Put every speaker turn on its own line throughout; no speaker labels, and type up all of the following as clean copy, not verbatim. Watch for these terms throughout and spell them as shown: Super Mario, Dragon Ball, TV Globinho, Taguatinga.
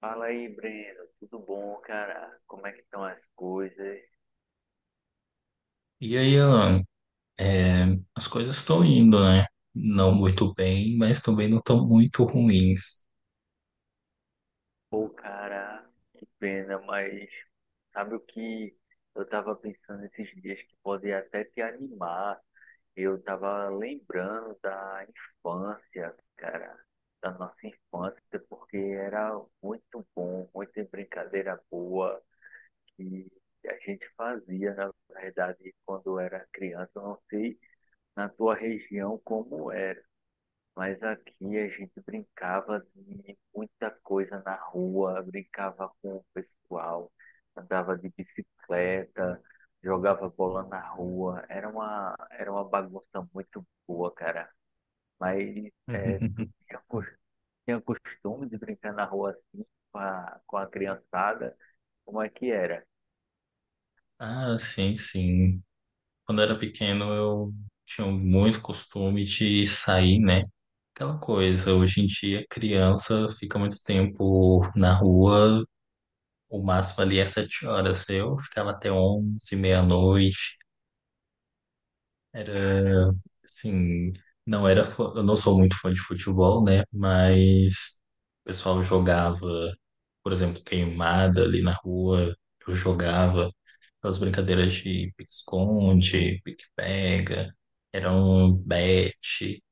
Fala aí, Breno. Tudo bom, cara? Como é que estão as coisas?
E aí, Alan, é, as coisas estão indo, né? Não muito bem, mas também não estão muito ruins.
Pô, cara, pena, mas sabe o que eu tava pensando esses dias que pode até te animar? Eu tava lembrando da infância, cara, da nossa infância, porque era muito bom, muita brincadeira boa que a gente fazia, na verdade, quando era criança. Eu não sei na tua região como era. Mas aqui a gente brincava de muita coisa na rua, brincava com o pessoal, andava de bicicleta, jogava bola na rua. Era uma bagunça muito boa, cara. Mas é, tu tinha, tinha costume de brincar na rua assim com a criançada? Como é que era?
Ah, sim, sim. Quando era pequeno, eu tinha muito costume de sair, né? Aquela coisa, hoje em dia, criança fica muito tempo na rua, o máximo ali é 7 horas. Eu ficava até 11, meia-noite. Era,
Caramba,
assim, não era, fã- Eu não sou muito fã de futebol, né? Mas o pessoal jogava, por exemplo, queimada ali na rua, eu jogava aquelas brincadeiras de pique-esconde, pique-pega, era um bete.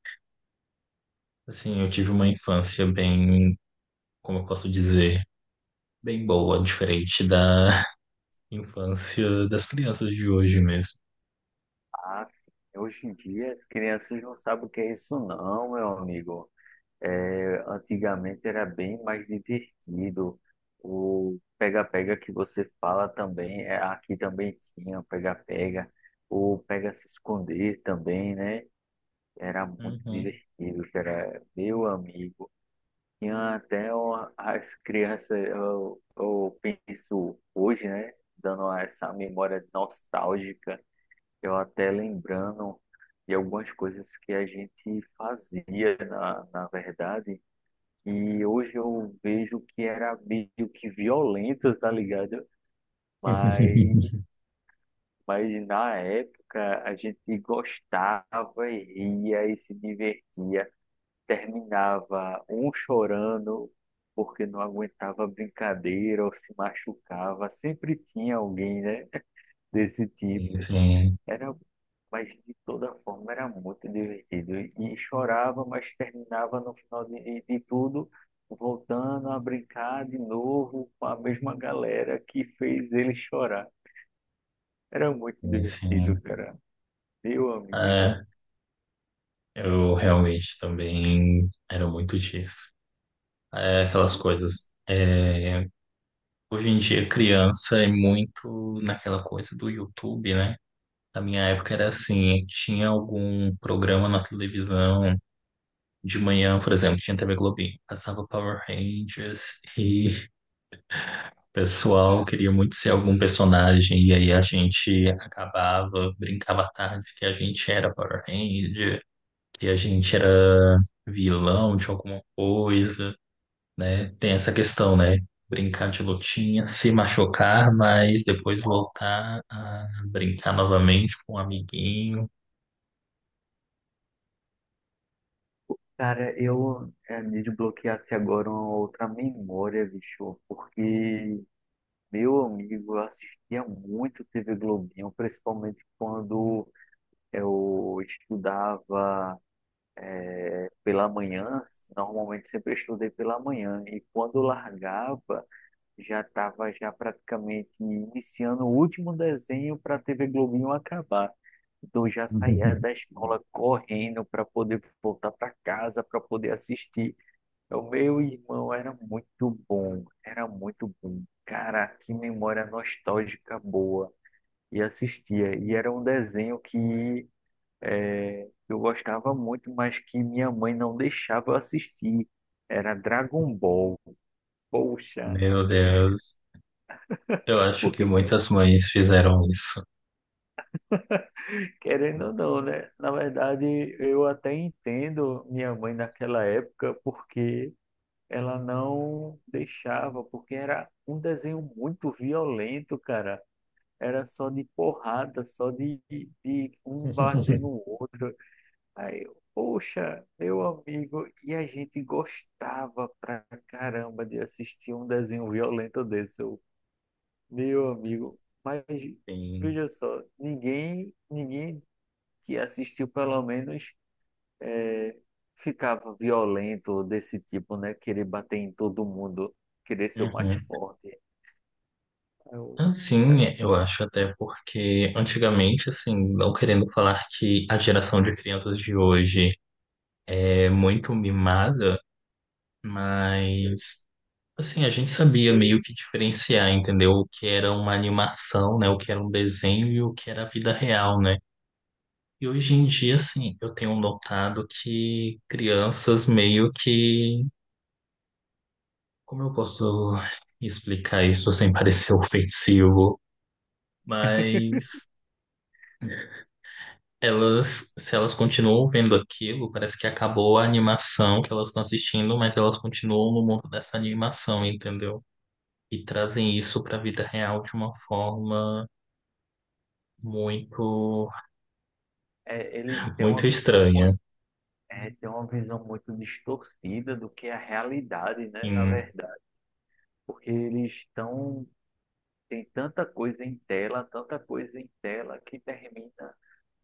Assim, eu tive uma infância bem, como eu posso dizer, bem boa, diferente da infância das crianças de hoje mesmo.
ah, hoje em dia as crianças não sabem o que é isso não, meu amigo. É, antigamente era bem mais divertido. O pega-pega que você fala também, é, aqui também tinha o pega-pega. O pega-se-esconder também, né? Era muito
Uhum.
divertido, que era meu amigo. As crianças, eu penso hoje, né? Dando essa memória nostálgica, eu até lembrando de algumas coisas que a gente fazia, na verdade, e hoje eu vejo que era meio que violento, tá ligado? Mas, mas na época a gente gostava e ria e se divertia. Terminava um chorando porque não aguentava brincadeira ou se machucava. Sempre tinha alguém, né? Desse tipo.
Sim,
Era, mas de toda forma era muito divertido. E chorava, mas terminava no final de tudo, voltando a brincar de novo com a mesma galera que fez ele chorar. Era muito
sim,
divertido,
sim.
cara. Meu amigo.
É, eu realmente também era muito disso. É, aquelas coisas. Hoje em dia, criança é muito naquela coisa do YouTube, né? Na minha época era assim, tinha algum programa na televisão de manhã, por exemplo, tinha TV Globinho, passava Power Rangers e o pessoal queria muito ser algum personagem e aí a gente acabava, brincava à tarde que a gente era Power Ranger que a gente era vilão de alguma coisa, né? Tem essa questão, né? Brincar de lutinha, se machucar, mas depois voltar a brincar novamente com um amiguinho.
Cara, eu me desbloqueasse agora uma outra memória, bicho, porque meu amigo eu assistia muito TV Globinho, principalmente quando eu estudava pela manhã, normalmente sempre estudei pela manhã e quando largava já estava já praticamente iniciando o último desenho para a TV Globinho acabar. Então já saía da escola correndo para poder voltar para casa para poder assistir. O meu irmão era muito bom, era muito bom. Cara, que memória nostálgica boa. E assistia. E era um desenho que que eu gostava muito, mas que minha mãe não deixava eu assistir. Era Dragon Ball. Poxa,
Meu Deus, eu acho que
porque,
muitas mães fizeram isso.
querendo ou não, né? Na verdade, eu até entendo minha mãe naquela época porque ela não deixava, porque era um desenho muito violento, cara. Era só de porrada, só de um bater no outro. Aí, eu, poxa, meu amigo, e a gente gostava pra caramba de assistir um desenho violento desse, eu, meu amigo. Mas
Sim.
veja só, ninguém que assistiu pelo menos é, ficava violento desse tipo, né? Querer bater em todo mundo, querer ser o mais
Uhum.
forte. Eu,
Assim,
eu-
eu acho até porque antigamente, assim, não querendo falar que a geração de crianças de hoje é muito mimada, mas assim, a gente sabia meio que diferenciar, entendeu? O que era uma animação, né? O que era um desenho e o que era a vida real, né? E hoje em dia, assim, eu tenho notado que crianças meio que. Como eu posso explicar isso sem parecer ofensivo? Mas elas, se elas continuam vendo aquilo, parece que acabou a animação que elas estão assistindo, mas elas continuam no mundo dessa animação, entendeu? E trazem isso para a vida real de uma forma. muito,
é, ele tem uma
muito
visão
estranha.
muito, é, tem uma visão muito distorcida do que é a realidade, né? Na
Sim.
verdade. Porque eles estão. Tem tanta coisa em tela, tanta coisa em tela, que termina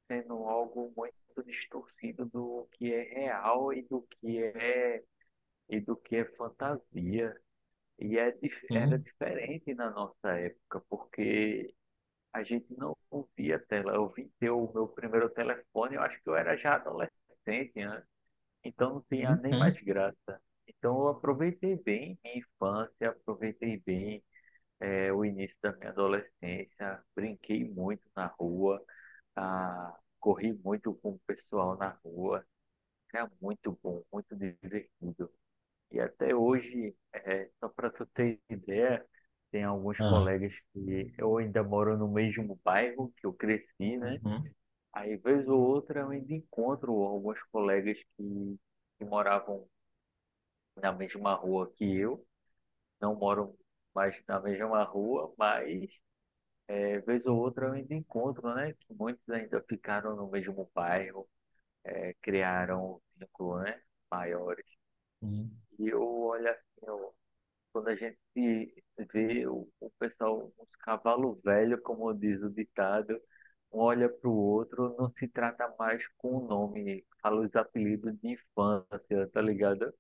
sendo algo muito distorcido do que é real e do que é, e do que é fantasia. E é, era
Hum,
diferente na nossa época, porque a gente não via tela. Eu vim ter o meu primeiro telefone, eu acho que eu era já adolescente, né? Então não tinha
hum,
nem
hum.
mais graça. Então eu aproveitei bem minha infância, aproveitei bem, é, o início da minha adolescência, brinquei muito na rua, ah, corri muito com o pessoal na rua, era muito bom, muito divertido. E até hoje, é, só para tu ter ideia, tem alguns
Ah,
colegas que eu ainda moro no mesmo bairro que eu cresci, né?
uhum,
Aí, vez ou outra, eu ainda encontro alguns colegas que moravam na mesma rua que eu, não moram mais na mesma rua, mas é, vez ou outra eu ainda encontro, né? Que muitos ainda ficaram no mesmo bairro, é, criaram vínculos, né? Maiores.
hum.
E eu olho assim, eu- quando a gente se vê, o pessoal, uns cavalo velho, como diz o ditado, um olha para o outro, não se trata mais com o nome, fala os apelidos de infância, tá ligado?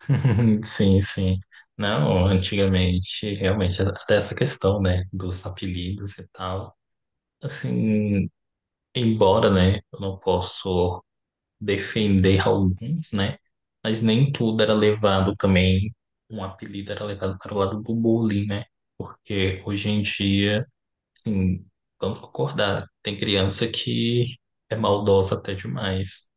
Sim, sim. Não, antigamente, realmente, até essa questão, né, dos apelidos e tal. Assim, embora, né, eu não posso defender alguns, né, mas nem tudo era levado também, um apelido era levado para o lado do bullying, né, porque hoje em dia sim, vamos concordar. Tem criança que é maldosa até demais.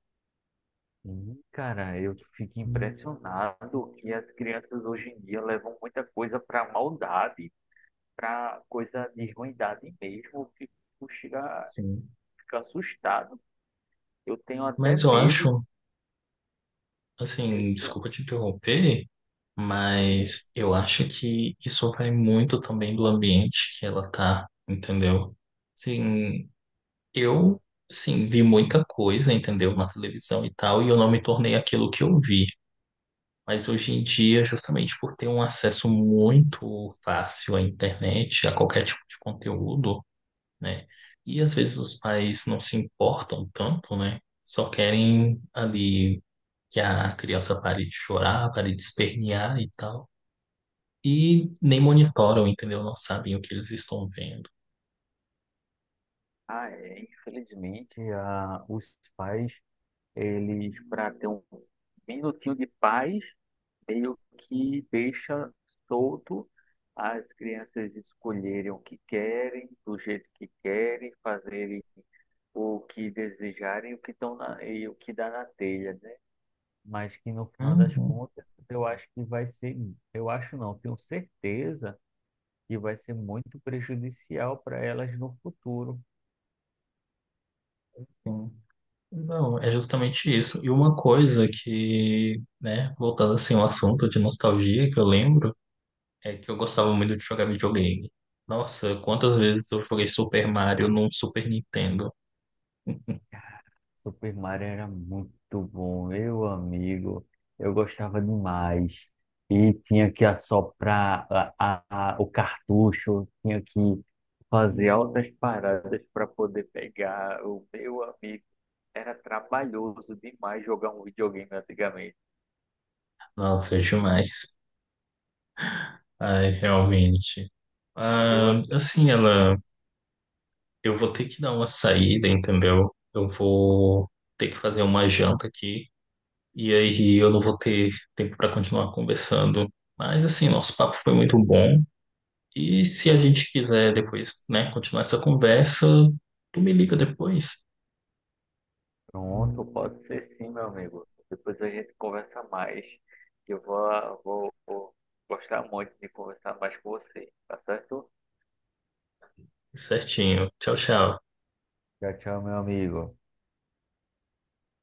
Sim. Cara, eu fico impressionado que as crianças hoje em dia levam muita coisa para maldade, para coisa de ruindade mesmo, eu fico, chega,
Sim.
fico assustado. Eu tenho até
Mas eu
medo.
acho,
Eu
assim,
tenho,
desculpa te interromper,
tenho-
mas eu acho que isso vai muito também do ambiente que ela tá, entendeu? Sim, eu, sim, vi muita coisa, entendeu? Na televisão e tal, e eu não me tornei aquilo que eu vi. Mas hoje em dia, justamente por ter um acesso muito fácil à internet, a qualquer tipo de conteúdo, né? E às vezes os pais não se importam tanto, né? Só querem ali que a criança pare de chorar, pare de espernear e tal. E nem monitoram, entendeu? Não sabem o que eles estão vendo.
ah, é, infelizmente, a, os pais, eles, para ter um minutinho de paz, meio que deixa solto as crianças escolherem o que querem, do jeito que querem, fazerem o que desejarem, o que estão na, e o que dá na telha, né? Mas que no final das
Uhum,
contas eu acho que vai ser, eu acho não, tenho certeza que vai ser muito prejudicial para elas no futuro.
sim. Não, é justamente isso. E uma coisa que, né, voltando assim ao assunto de nostalgia que eu lembro, é que eu gostava muito de jogar videogame. Nossa, quantas vezes eu joguei Super Mario num Super Nintendo?
Super Mario era muito bom, meu amigo, eu gostava demais. E tinha que assoprar a, o cartucho, tinha que fazer altas paradas para poder pegar. O meu amigo, era trabalhoso demais jogar um videogame antigamente.
Nossa, é demais. Ai, realmente.
Eu
Ah,
assim.
assim, ela, eu vou ter que dar uma saída, entendeu? Eu vou ter que fazer uma janta aqui e aí eu não vou ter tempo para continuar conversando. Mas assim, nosso papo foi muito bom. E se a gente quiser depois, né, continuar essa conversa, tu me liga depois.
Pronto, pode ser sim, meu amigo. Depois a gente conversa mais. Eu vou gostar muito de conversar mais com você, tá certo?
Certinho. Tchau, tchau.
Tchau, tchau, meu amigo.